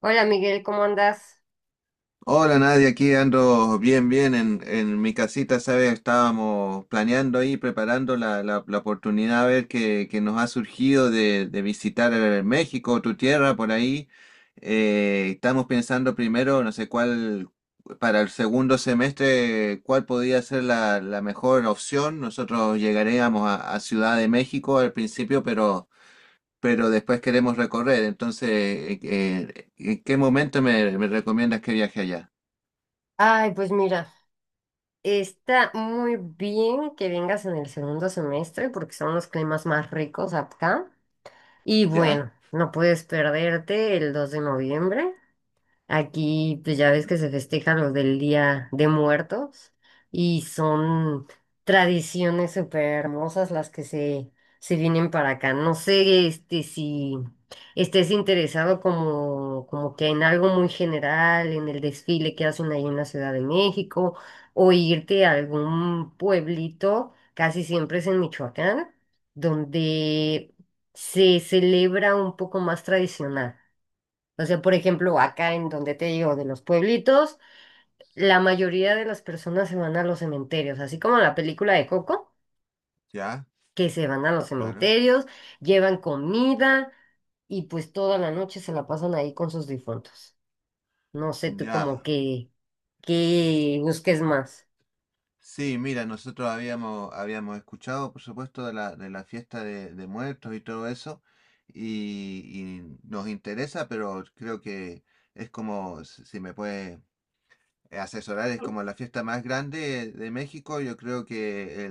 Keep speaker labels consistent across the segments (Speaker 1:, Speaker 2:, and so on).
Speaker 1: Hola Miguel, ¿cómo andas?
Speaker 2: Hola Nadia, aquí ando bien, en mi casita, ¿sabes? Estábamos planeando ahí, preparando la oportunidad a ver que nos ha surgido de visitar México, tu tierra, por ahí. Estamos pensando primero, no sé cuál, para el segundo semestre, cuál podría ser la mejor opción. Nosotros llegaríamos a Ciudad de México al principio, pero después queremos recorrer. Entonces, ¿en qué momento me recomiendas que viaje allá?
Speaker 1: Ay, pues mira, está muy bien que vengas en el segundo semestre porque son los climas más ricos acá. Y
Speaker 2: Ya,
Speaker 1: bueno, no puedes perderte el 2 de noviembre. Aquí, pues ya ves que se festeja lo del Día de Muertos y son tradiciones súper hermosas las que se vienen para acá. No sé, este, si estés interesado como, como que en algo muy general, en el desfile que hacen ahí en la Ciudad de México, o irte a algún pueblito, casi siempre es en Michoacán, donde se celebra un poco más tradicional. O sea, por ejemplo, acá en donde te digo, de los pueblitos, la mayoría de las personas se van a los cementerios, así como en la película de Coco,
Speaker 2: ya,
Speaker 1: que se van a los
Speaker 2: claro,
Speaker 1: cementerios, llevan comida y pues toda la noche se la pasan ahí con sus difuntos. No sé tú
Speaker 2: ya.
Speaker 1: como que busques más.
Speaker 2: Sí, mira, nosotros habíamos escuchado, por supuesto, de la fiesta de muertos y todo eso, y, y nos interesa, pero creo que es como, si me puede asesorar, es como la fiesta más grande de México, yo creo que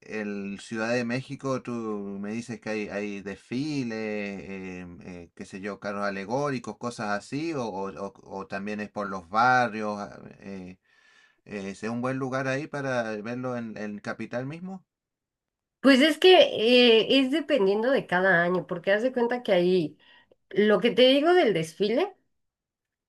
Speaker 2: El Ciudad de México, tú me dices que hay desfiles, qué sé yo, carros alegóricos, cosas así, o también es por los barrios. ¿Es un buen lugar ahí para verlo en Capital mismo?
Speaker 1: Pues es que es dependiendo de cada año, porque haz de cuenta que ahí, lo que te digo del desfile.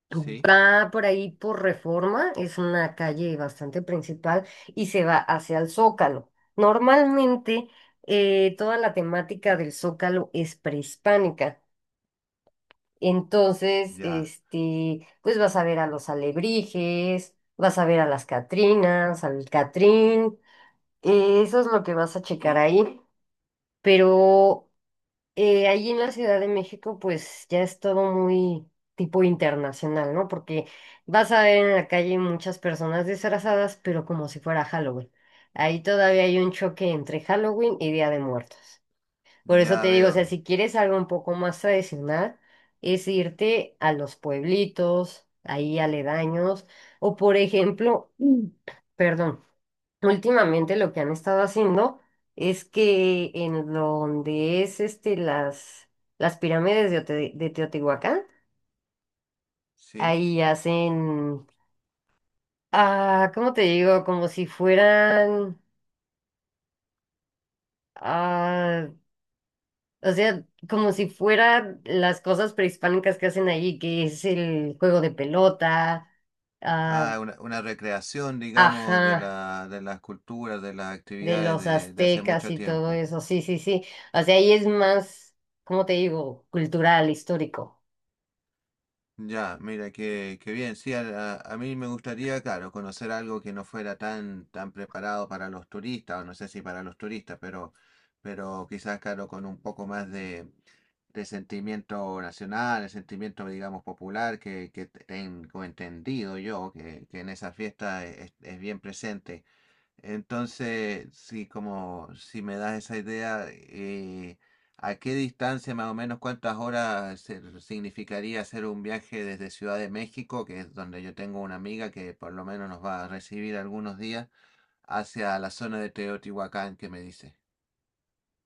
Speaker 2: Sí,
Speaker 1: Va por ahí por Reforma, es una calle bastante principal y se va hacia el Zócalo. Normalmente toda la temática del Zócalo es prehispánica. Entonces,
Speaker 2: ya,
Speaker 1: este, pues vas a ver a los alebrijes, vas a ver a las Catrinas, al Catrín, eso es lo que vas a checar ahí. Pero ahí en la Ciudad de México, pues ya es todo muy tipo internacional, ¿no? Porque vas a ver en la calle muchas personas disfrazadas, pero como si fuera Halloween. Ahí todavía hay un choque entre Halloween y Día de Muertos. Por eso te
Speaker 2: ya
Speaker 1: digo, o sea,
Speaker 2: veo,
Speaker 1: si quieres algo un poco más tradicional, es irte a los pueblitos, ahí aledaños, o por ejemplo, perdón. Últimamente lo que han estado haciendo es que en donde es este las pirámides de Teotihuacán,
Speaker 2: sí.
Speaker 1: ahí hacen, ¿cómo te digo? Como si fueran, ah, o sea, como si fueran las cosas prehispánicas que hacen allí, que es el juego de pelota, ah,
Speaker 2: Ah, una recreación, digamos, de
Speaker 1: ajá,
Speaker 2: la, de las culturas, de las
Speaker 1: de
Speaker 2: actividades
Speaker 1: los
Speaker 2: de hace
Speaker 1: aztecas
Speaker 2: mucho
Speaker 1: y todo
Speaker 2: tiempo.
Speaker 1: eso, sí, sí, sí. O sea, ahí es más, ¿cómo te digo? Cultural, histórico.
Speaker 2: Ya, mira, qué, qué bien. Sí, a, a mí me gustaría, claro, conocer algo que no fuera tan, tan preparado para los turistas, o no sé si para los turistas, pero quizás, claro, con un poco más de sentimiento nacional, de sentimiento, digamos, popular, que tengo entendido yo, que en esa fiesta es bien presente. Entonces, sí, como si me das esa idea, ¿a qué distancia más o menos cuántas horas significaría hacer un viaje desde Ciudad de México, que es donde yo tengo una amiga que por lo menos nos va a recibir algunos días, hacia la zona de Teotihuacán que me dice?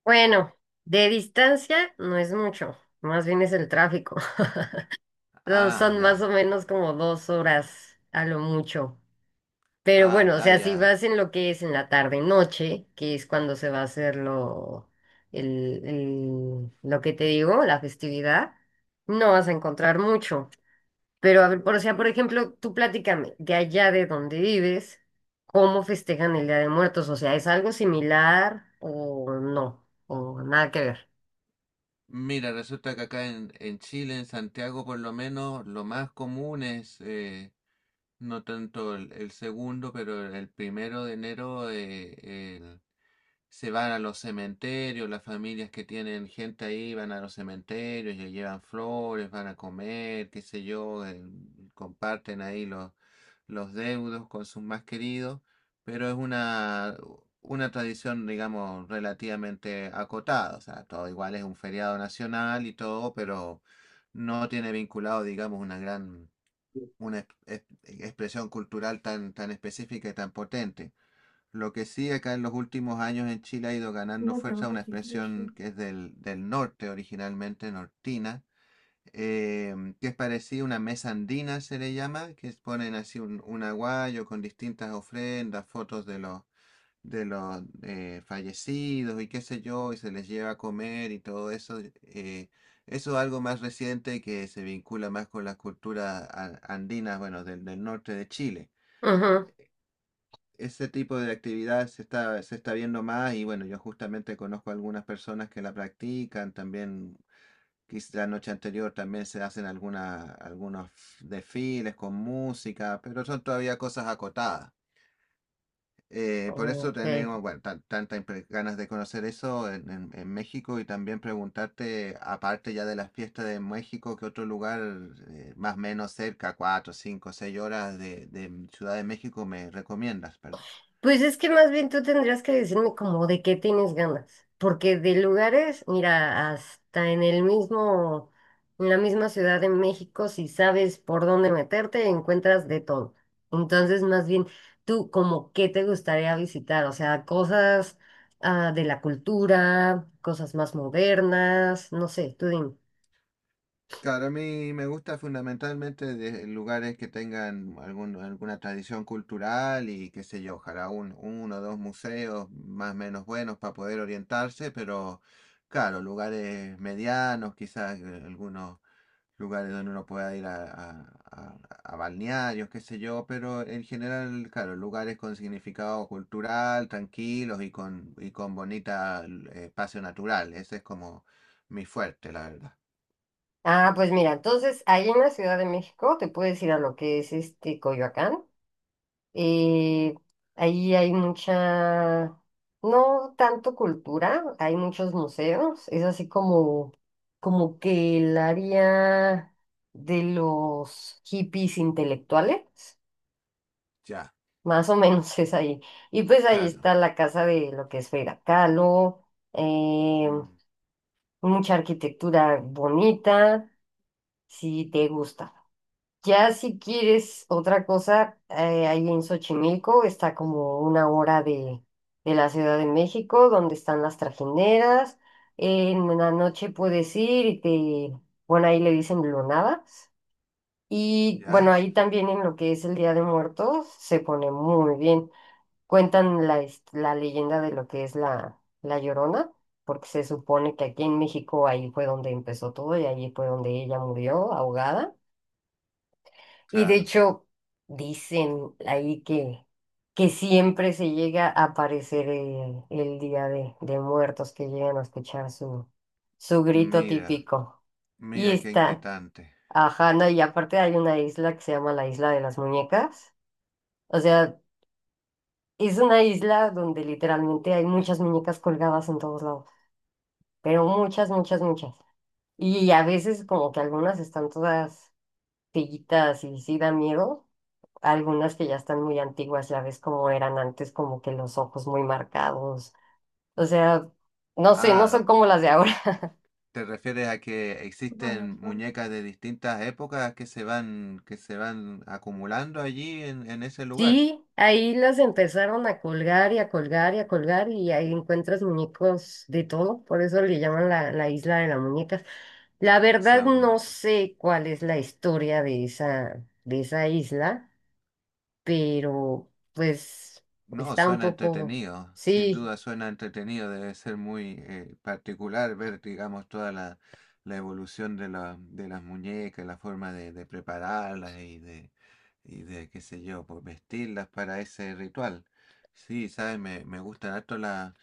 Speaker 1: Bueno, de distancia no es mucho, más bien es el tráfico. No,
Speaker 2: Ah,
Speaker 1: son más
Speaker 2: ya,
Speaker 1: o menos como 2 horas a lo mucho. Pero
Speaker 2: ah,
Speaker 1: bueno, o
Speaker 2: ya,
Speaker 1: sea, si
Speaker 2: ya.
Speaker 1: vas en lo que es en la tarde noche, que es cuando se va a hacer lo que te digo, la festividad, no vas a encontrar mucho. Pero a ver, por, o sea, por ejemplo, tú platícame, de allá de donde vives, ¿cómo festejan el Día de Muertos? O sea, ¿es algo similar o no? O nada que ver.
Speaker 2: Mira, resulta que acá en Chile, en Santiago por lo menos, lo más común es... no tanto el segundo, pero el primero de enero el- se van a los cementerios, las familias que tienen gente ahí van a los cementerios, le llevan flores, van a comer, qué sé yo, comparten ahí los deudos con sus más queridos, pero es una tradición, digamos, relativamente acotada, o sea, todo igual es un feriado nacional y todo, pero no tiene vinculado, digamos, una gran una expresión cultural tan, tan específica y tan potente. Lo que sí acá en los últimos años en Chile ha ido ganando
Speaker 1: No tengo
Speaker 2: fuerza una
Speaker 1: que.
Speaker 2: expresión que es del, del norte originalmente, nortina, que es parecida a una mesa andina, se le llama, ponen así un aguayo con distintas ofrendas, fotos de los fallecidos y qué sé yo, y se les lleva a comer y todo eso, eso es algo más reciente que se vincula más con las culturas andinas, bueno, del, del norte de Chile.
Speaker 1: Ajá.
Speaker 2: Ese tipo de actividad se está viendo más y bueno, yo justamente conozco algunas personas que la practican, también quizá la noche anterior también se hacen alguna, algunos desfiles con música, pero son todavía cosas acotadas. Por eso
Speaker 1: Ok.
Speaker 2: tenemos, bueno, tantas ganas de conocer eso en, en México y también preguntarte, aparte ya de las fiestas de México, ¿qué otro lugar más o menos cerca, cuatro, cinco, seis horas de Ciudad de México me recomiendas? Perdón.
Speaker 1: Pues es que más bien tú tendrías que decirme como de qué tienes ganas, porque de lugares, mira, hasta en el mismo, en la misma Ciudad de México, si sabes por dónde meterte, encuentras de todo. Entonces, más bien, tú como qué te gustaría visitar, o sea, cosas de la cultura, cosas más modernas, no sé, tú dime.
Speaker 2: Claro, a mí me gusta fundamentalmente de lugares que tengan algún, alguna tradición cultural y qué sé yo, ojalá un, uno o dos museos más o menos buenos para poder orientarse, pero... Claro, lugares medianos, quizás algunos lugares donde uno pueda ir a, a balnearios, qué sé yo, pero en general, claro, lugares con significado cultural, tranquilos y con bonita espacio natural. Ese es como mi fuerte, la verdad.
Speaker 1: Ah, pues mira, entonces ahí en la Ciudad de México te puedes ir a lo que es este Coyoacán. eh, Ahí hay mucha, no tanto cultura, hay muchos museos. Es así como, como que el área de los hippies intelectuales,
Speaker 2: Ya,
Speaker 1: más o menos es ahí. Y pues ahí
Speaker 2: claro.
Speaker 1: está la casa de lo que es Frida Kahlo, eh,
Speaker 2: Mm,
Speaker 1: mucha arquitectura bonita, si te gusta. Ya si quieres otra cosa, ahí en Xochimilco está como 1 hora de la Ciudad de México, donde están las trajineras. En la noche puedes ir y te, bueno, ahí le dicen lunadas. Y bueno,
Speaker 2: ya,
Speaker 1: ahí también en lo que es el Día de Muertos se pone muy bien. Cuentan la leyenda de lo que es la Llorona, porque se supone que aquí en México ahí fue donde empezó todo y ahí fue donde ella murió ahogada. Y de
Speaker 2: claro.
Speaker 1: hecho, dicen ahí que siempre se llega a aparecer el Día de Muertos, que llegan a escuchar su, su grito
Speaker 2: Mira,
Speaker 1: típico. Y
Speaker 2: mira qué
Speaker 1: está,
Speaker 2: inquietante.
Speaker 1: ajá, no, y aparte hay una isla que se llama la Isla de las Muñecas. O sea, es una isla donde literalmente hay muchas muñecas colgadas en todos lados, pero muchas, muchas, muchas. Y a veces como que algunas están todas pillitas y sí dan miedo algunas que ya están muy antiguas, ya ves cómo eran antes, como que los ojos muy marcados. O sea, no sé, no
Speaker 2: Ah,
Speaker 1: son como las de ahora.
Speaker 2: ¿te refieres a que
Speaker 1: Bueno,
Speaker 2: existen
Speaker 1: por-.
Speaker 2: muñecas de distintas épocas que se van acumulando allí en ese lugar?
Speaker 1: Sí, ahí las empezaron a colgar y a colgar y a colgar y ahí encuentras muñecos de todo, por eso le llaman la isla de las muñecas. La
Speaker 2: Se
Speaker 1: verdad
Speaker 2: ha
Speaker 1: no
Speaker 2: vuelto.
Speaker 1: sé cuál es la historia de esa isla, pero pues
Speaker 2: No,
Speaker 1: está un
Speaker 2: suena
Speaker 1: poco,
Speaker 2: entretenido, sin
Speaker 1: sí.
Speaker 2: duda suena entretenido, debe ser muy particular ver, digamos, toda la, la evolución de, la, de las muñecas, la forma de prepararlas y de, qué sé yo, pues vestirlas para ese ritual. Sí, sabes, me gustan harto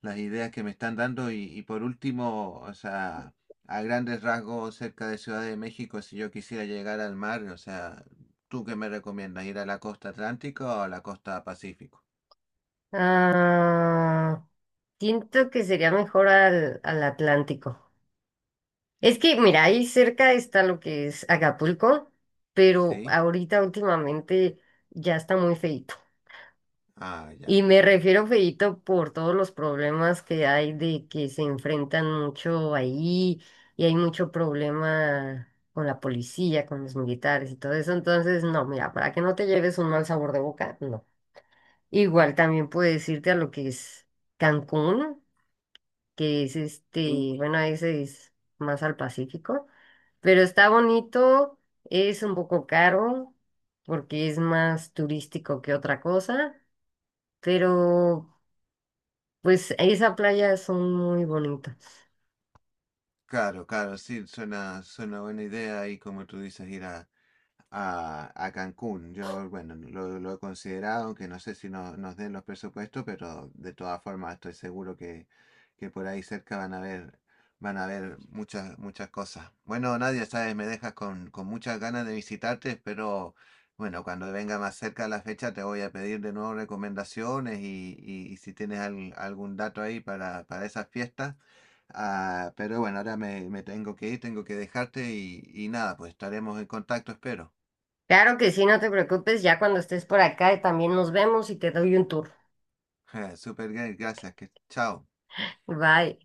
Speaker 2: las ideas que me están dando y por último, o sea, a grandes rasgos cerca de Ciudad de México, si yo quisiera llegar al mar, o sea, ¿tú qué me recomiendas? ¿Ir a la costa atlántica o a la costa pacífico?
Speaker 1: Ah, siento que sería mejor al, al Atlántico. Es que, mira, ahí cerca está lo que es Acapulco, pero
Speaker 2: Sí,
Speaker 1: ahorita últimamente ya está muy feito.
Speaker 2: ah,
Speaker 1: Y
Speaker 2: ya.
Speaker 1: me refiero feito por todos los problemas que hay de que se enfrentan mucho ahí y hay mucho problema con la policía, con los militares y todo eso. Entonces, no, mira, para que no te lleves un mal sabor de boca, no. Igual también puedes irte a lo que es Cancún, que es este, bueno, ese es más al Pacífico, pero está bonito, es un poco caro porque es más turístico que otra cosa, pero pues esas playas son muy bonitas.
Speaker 2: Claro, claro, sí, suena, suena buena idea y como tú dices, ir a Cancún. Yo, bueno, lo he considerado, aunque no sé si nos den los presupuestos, pero de todas formas estoy seguro que por ahí cerca van a ver muchas, muchas cosas. Bueno, Nadia, sabes, me dejas con muchas ganas de visitarte, pero bueno, cuando venga más cerca la fecha te voy a pedir de nuevo recomendaciones y si tienes algún dato ahí para esas fiestas. Ah, pero bueno, ahora me, me tengo que ir, tengo que dejarte y nada, pues estaremos en contacto, espero.
Speaker 1: Claro que sí, no te preocupes, ya cuando estés por acá también nos vemos y te doy un tour.
Speaker 2: Super, gracias, que chao.
Speaker 1: Bye.